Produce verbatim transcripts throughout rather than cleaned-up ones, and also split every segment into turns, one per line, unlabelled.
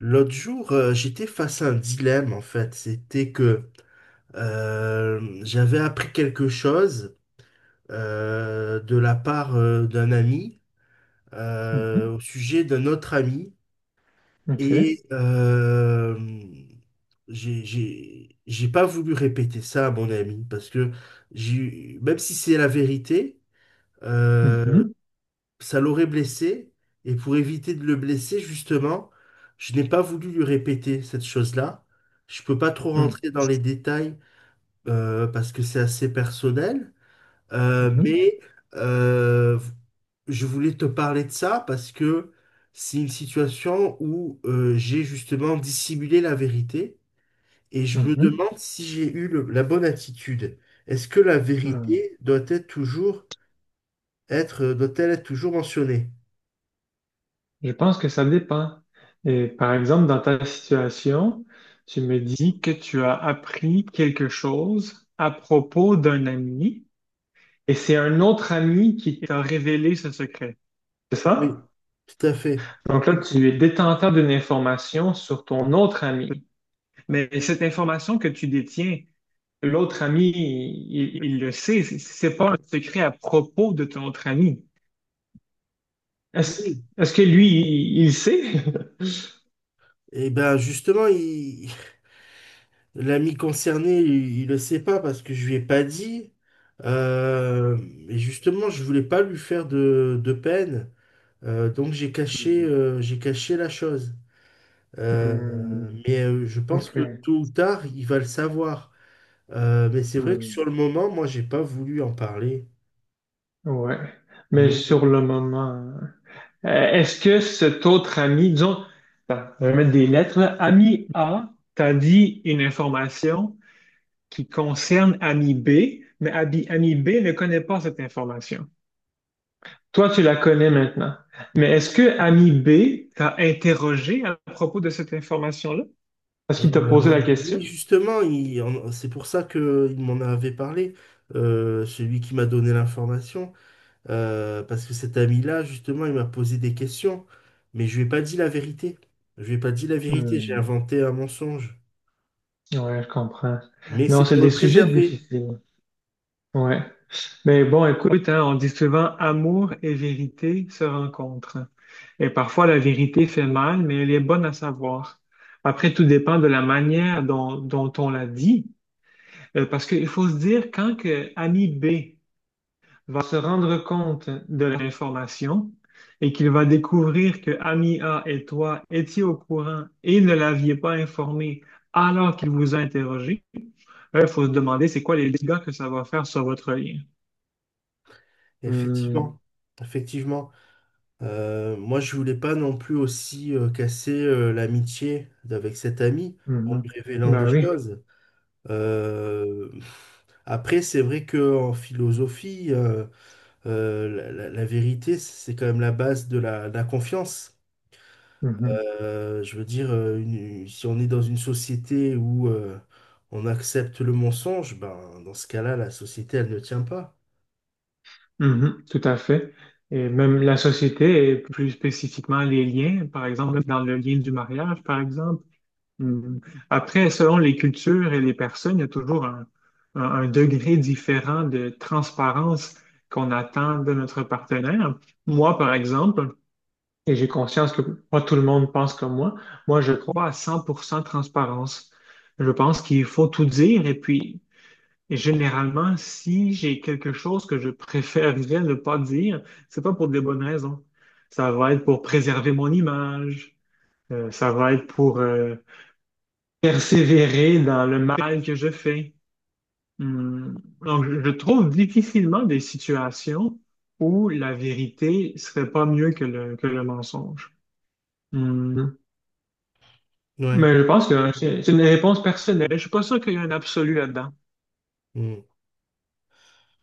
L'autre jour, euh, j'étais face à un dilemme en fait. C'était que euh, j'avais appris quelque chose euh, de la part euh, d'un ami
Mhm.
euh, au sujet d'un autre ami.
OK.
Et euh, j'ai j'ai- j'ai pas voulu répéter ça à mon ami parce que j'ai, même si c'est la vérité, euh,
Mhm.
ça l'aurait blessé, et pour éviter de le blesser, justement, je n'ai pas voulu lui répéter cette chose-là. Je peux pas trop
Mhm.
rentrer dans les détails euh, parce que c'est assez personnel. Euh,
Mhm.
mais euh, je voulais te parler de ça parce que c'est une situation où euh, j'ai justement dissimulé la vérité, et je me
Mhm.
demande si j'ai eu le- la bonne attitude. Est-ce que la
Mhm.
vérité doit être toujours être, doit-elle être toujours mentionnée?
Je pense que ça dépend. Et par exemple, dans ta situation, tu me dis que tu as appris quelque chose à propos d'un ami et c'est un autre ami qui t'a révélé ce secret. C'est
Oui,
ça?
tout à fait.
Donc là, tu es détenteur d'une information sur ton autre ami. Mais cette information que tu détiens, l'autre ami, il, il le sait. C'est c'est pas un secret à propos de ton autre ami. Est-ce,
Oui.
est-ce que lui, il, il sait?
Et ben justement, il- l'ami concerné, il, il le sait pas parce que je lui ai pas dit. Euh, et justement, je voulais pas lui faire de, de peine. Euh, donc j'ai caché, euh, j'ai caché la chose. Euh,
Hmm,
mais euh, je pense
ok.
que tôt ou tard, il va le savoir. Euh, mais c'est vrai que sur
Hmm,
le moment, moi, j'ai pas voulu en parler.
ouais. Mais sur
Mais
le moment, euh, est-ce que cet autre ami, disons, attends, je vais mettre des lettres, là. Ami A t'a dit une information qui concerne ami B, mais ami, ami B ne connaît pas cette information. Toi, tu la connais maintenant. Mais est-ce que ami B t'a interrogé à propos de cette information-là? Est-ce qu'il t'a posé
Euh,
la
oui,
question?
justement, il en- c'est pour ça qu'il m'en avait parlé, euh, celui qui m'a donné l'information, euh, parce que cet ami-là, justement, il m'a posé des questions, mais je lui ai pas dit la vérité. Je lui ai pas dit la vérité, j'ai
Hmm.
inventé un mensonge.
Ouais, je comprends.
Mais
Non,
c'est
c'est
pour
des
le
sujets
préserver,
difficiles. Ouais. Mais bon, écoute, hein, on dit souvent amour et vérité se rencontrent. Et parfois, la vérité fait mal, mais elle est bonne à savoir. Après, tout dépend de la manière dont, dont on la dit. Euh, parce qu'il faut se dire, quand que ami B va se rendre compte de l'information et qu'il va découvrir que ami A et toi étiez au courant et ne l'aviez pas informé alors qu'il vous a interrogé, il faut se demander c'est quoi les dégâts que ça va faire sur votre lien. Hmm,
effectivement. Effectivement. Euh, moi, je voulais pas non plus aussi euh, casser euh, l'amitié avec cet ami en lui
mhm.
révélant des
Ben oui.
choses. Euh, Après, c'est vrai que en philosophie, euh, euh, la, la- la vérité, c'est quand même la base de la, de la confiance.
Mhm,
Euh, je veux dire, euh, une- si on est dans une société où euh, on accepte le mensonge, ben, dans ce cas-là, la société, elle ne tient pas.
mhm, tout à fait. Et même la société, et plus spécifiquement les liens, par exemple, dans le lien du mariage, par exemple. Hmm. Après, selon les cultures et les personnes, il y a toujours un, un- un degré différent de transparence qu'on attend de notre partenaire. Moi, par exemple, et j'ai conscience que pas tout le monde pense comme moi, moi, je crois à cent pour cent transparence. Je pense qu'il faut tout dire et puis, et généralement, si j'ai quelque chose que je préférerais ne pas dire, c'est pas pour des bonnes raisons. Ça va être pour préserver mon image. Euh, ça va être pour euh, persévérer dans le mal que je fais. Hmm. Donc, je je trouve difficilement des situations où la vérité serait pas mieux que le, que le mensonge. Hmm.
Ouais.
Mais je pense que c'est c'est une réponse personnelle. Je suis pas sûr qu'il y ait un absolu là-dedans.
Mm.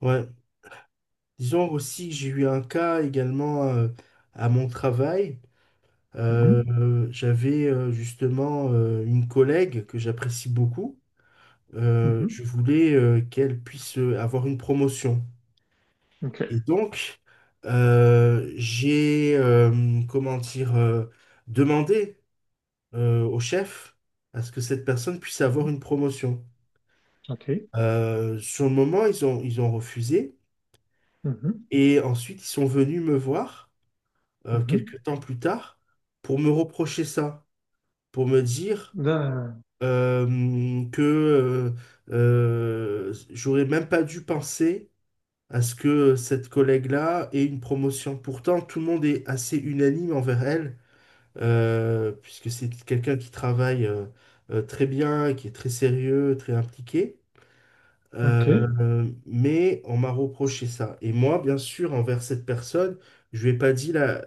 Ouais. Disons aussi que j'ai eu un cas également euh, à mon travail. Euh,
Mhm.
euh, j'avais euh, justement euh, une collègue que j'apprécie beaucoup. Euh, je
Mhm.
voulais euh, qu'elle puisse euh, avoir une promotion.
OK.
Et donc, euh, j'ai, euh, comment dire, euh, demandé euh, au chef à ce que cette personne puisse avoir
Mhm.
une promotion.
OK.
Euh, sur le moment, ils ont, ils ont refusé.
Mhm.
Et ensuite, ils sont venus me voir euh,
Mhm.
quelques temps plus tard pour me reprocher ça, pour me dire
Da-
euh, que euh, euh, j'aurais même pas dû penser à ce que cette collègue-là ait une promotion. Pourtant, tout le monde est assez unanime envers elle, euh, puisque c'est quelqu'un qui travaille euh, euh, très bien, qui est très sérieux, très impliqué.
OK.
Euh, mais on m'a reproché ça. Et moi, bien sûr, envers cette personne, je lui ai pas dit la,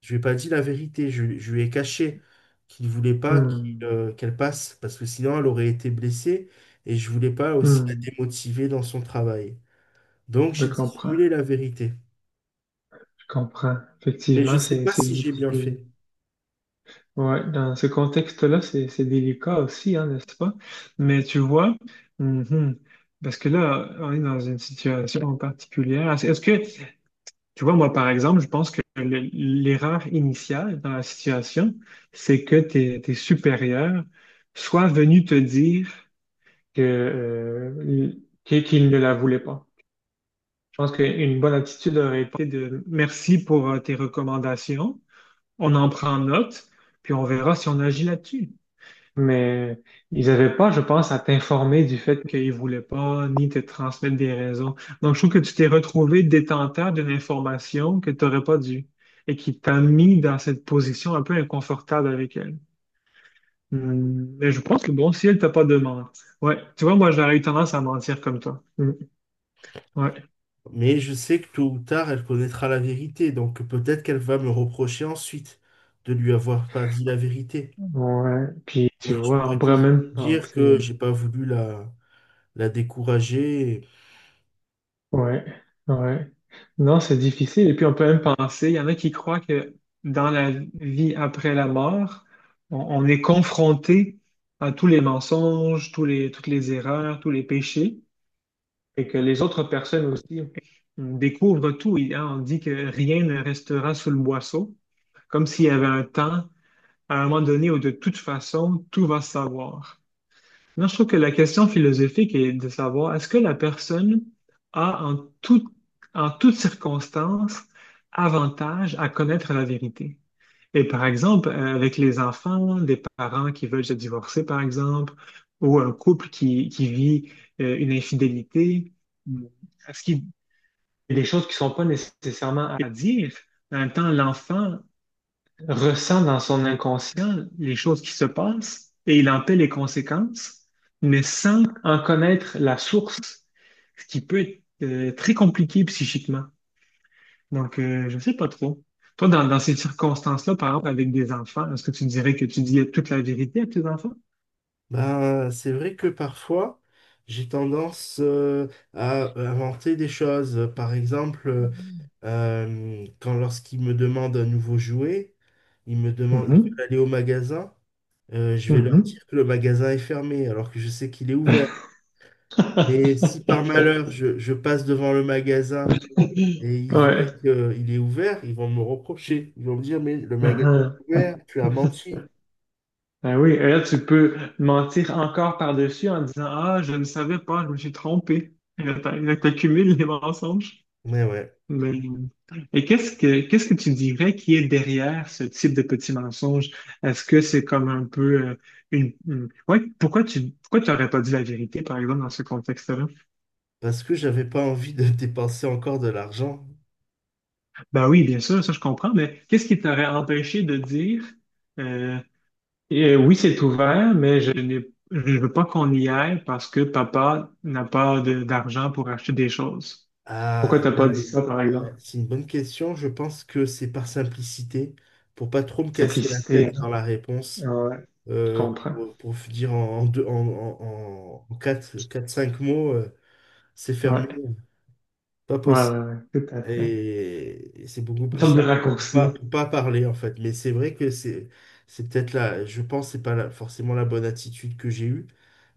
je lui ai pas dit la vérité. Je, je lui ai caché qu'il ne voulait pas qu'il,
Hmm.
euh, qu'elle passe, parce que sinon, elle aurait été blessée. Et je voulais pas aussi la
Hmm.
démotiver dans son travail. Donc,
Je
j'ai
comprends.
dissimulé la vérité.
Je comprends.
Mais je
Effectivement,
sais
c'est
pas
c'est
si j'ai bien
difficile.
fait.
Ouais, dans ce contexte-là, c'est c'est délicat aussi, hein, n'est-ce pas? Mais tu vois, mhm, parce que là, on est dans une situation particulière. Est-ce est-ce que, tu vois, moi, par exemple, je pense que le- l'erreur initiale dans la situation, c'est que tes, tes supérieurs soient venus te dire que, euh, qu'ils qu'ils ne la voulaient pas. Je pense qu'une bonne attitude aurait été de merci pour euh, tes recommandations, on en prend note, puis on verra si on agit là-dessus. Mais ils n'avaient pas, je pense, à t'informer du fait qu'ils voulaient pas ni te transmettre des raisons. Donc, je trouve que tu t'es retrouvé détenteur d'une information que tu n'aurais pas dû et qui t'a mis dans cette position un peu inconfortable avec elle. Hmm. Mais je pense que bon, si elle t'a pas demandé. Ouais, tu vois, moi, j'aurais eu tendance à mentir comme toi. Hmm, ouais,
Mais je sais que tôt ou tard, elle connaîtra la vérité. Donc peut-être qu'elle va me reprocher ensuite de lui avoir pas dit la vérité.
ouais. Puis, tu
Mais je
vois, on
pourrais
pourrait
toujours lui
même
dire que
penser.
j'ai pas voulu la, la décourager.
Ouais, ouais. Non, c'est difficile. Et puis on peut même penser, il y en a qui croient que dans la vie après la mort, on, on est confronté à tous les mensonges, tous les, toutes les erreurs, tous les péchés, et que les autres personnes aussi découvrent tout. Il- hein, on dit que rien ne restera sous le boisseau, comme s'il y avait un temps, à un moment donné, où de toute façon, tout va se savoir. Moi, je trouve que la question philosophique est de savoir est-ce que la personne a en tout, en toutes circonstances avantage à connaître la vérité? Et par exemple, euh, avec les enfants, des parents qui veulent se divorcer, par exemple, ou un couple qui, qui vit euh, une infidélité, est-ce qu'il y a des choses qui ne sont pas nécessairement à dire? En même temps, l'enfant ressent dans son inconscient les choses qui se passent et il en paie les conséquences, mais sans en connaître la source, ce qui peut être euh, très compliqué psychiquement. Donc, euh, je sais pas trop. Toi, dans, dans ces circonstances-là, par exemple, avec des enfants, est-ce que tu dirais que tu dis toute la vérité à tes enfants?
Ben, c'est vrai que parfois, j'ai tendance euh, à inventer des choses. Par exemple, euh, quand lorsqu'il me demande un nouveau jouet, il me demande, il
Mhm,
veut aller au magasin. Euh, je vais leur
mhm.
dire que le magasin est fermé alors que je sais qu'il est ouvert. Mais si par malheur je, je passe devant le magasin et ils voient
Ouais.
qu'il est ouvert, ils vont me reprocher. Ils vont me dire, mais le magasin
Ah,
est
ah.
ouvert, tu as menti.
Ben oui, et là, tu peux mentir encore par-dessus en disant, ah, je ne savais pas, je me suis trompé. Et là, t'as- là, t'accumules les mensonges.
Mais ouais,
Mais- et qu'est-ce que qu'est-ce que tu dirais qui est derrière ce type de petit mensonge? Est-ce que c'est comme un peu euh, une, une- ouais, pourquoi tu pourquoi tu n'aurais pas dit la vérité, par exemple, dans ce contexte-là?
parce que j'avais pas envie de dépenser encore de l'argent.
Ben oui, bien sûr, ça je comprends, mais qu'est-ce qui t'aurait empêché de dire euh, et euh, oui, c'est ouvert, mais je n'ai, je ne veux pas qu'on y aille parce que papa n'a pas de- d'argent pour acheter des choses. Pourquoi
Ah,
t'as pas
là,
dit ça, par exemple?
ouais, c'est une bonne question. Je pense que c'est par simplicité, pour pas trop me casser la
Simplicité,
tête
hein?
dans la réponse,
Ouais, je
euh,
comprends.
pour, pour dire en, en, deux- en, en, en quatre, cinq mots. euh, C'est fermé,
Ouais,
pas
ouais, ouais,
possible.
ouais, tout à fait.
Et, c'est beaucoup
Une
plus
sorte de
simple. pour Pas,
raccourci.
pour pas parler, en fait. Mais c'est vrai que c'est, c'est peut-être là, je pense, que c'est pas la- forcément la bonne attitude que j'ai eue,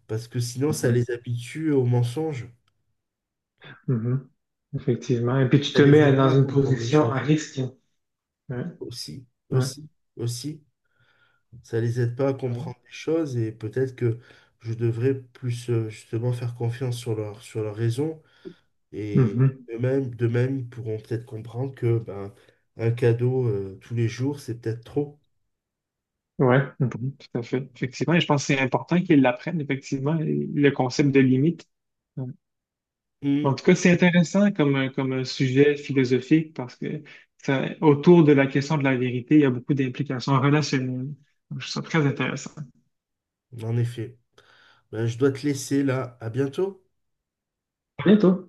parce que sinon, ça
Mhm,
les habitue au mensonge.
mhm. Effectivement. Et puis tu
Ça
te
les
mets
aide pas
dans
à
une
comprendre les
position à
choses.
risque. Ouais,
Aussi,
ouais,
aussi, aussi, ça les aide pas à
ouais.
comprendre les choses, et peut-être que je devrais plus, euh, justement, faire confiance sur leur, sur leur raison. Et
Mhm.
eux-mêmes, de même, ils pourront peut-être comprendre que ben, un cadeau euh, tous les jours, c'est peut-être trop.
Ouais, mhm, tout à fait. Effectivement. Et je pense que c'est important qu'ils l'apprennent, effectivement, le concept de limite. En
Hum,
tout cas, c'est intéressant comme, comme sujet philosophique parce que ça, autour de la question de la vérité, il y a beaucoup d'implications relationnelles. Donc, je trouve ça très intéressant.
en effet. Ben, je dois te laisser là. À bientôt.
À bientôt.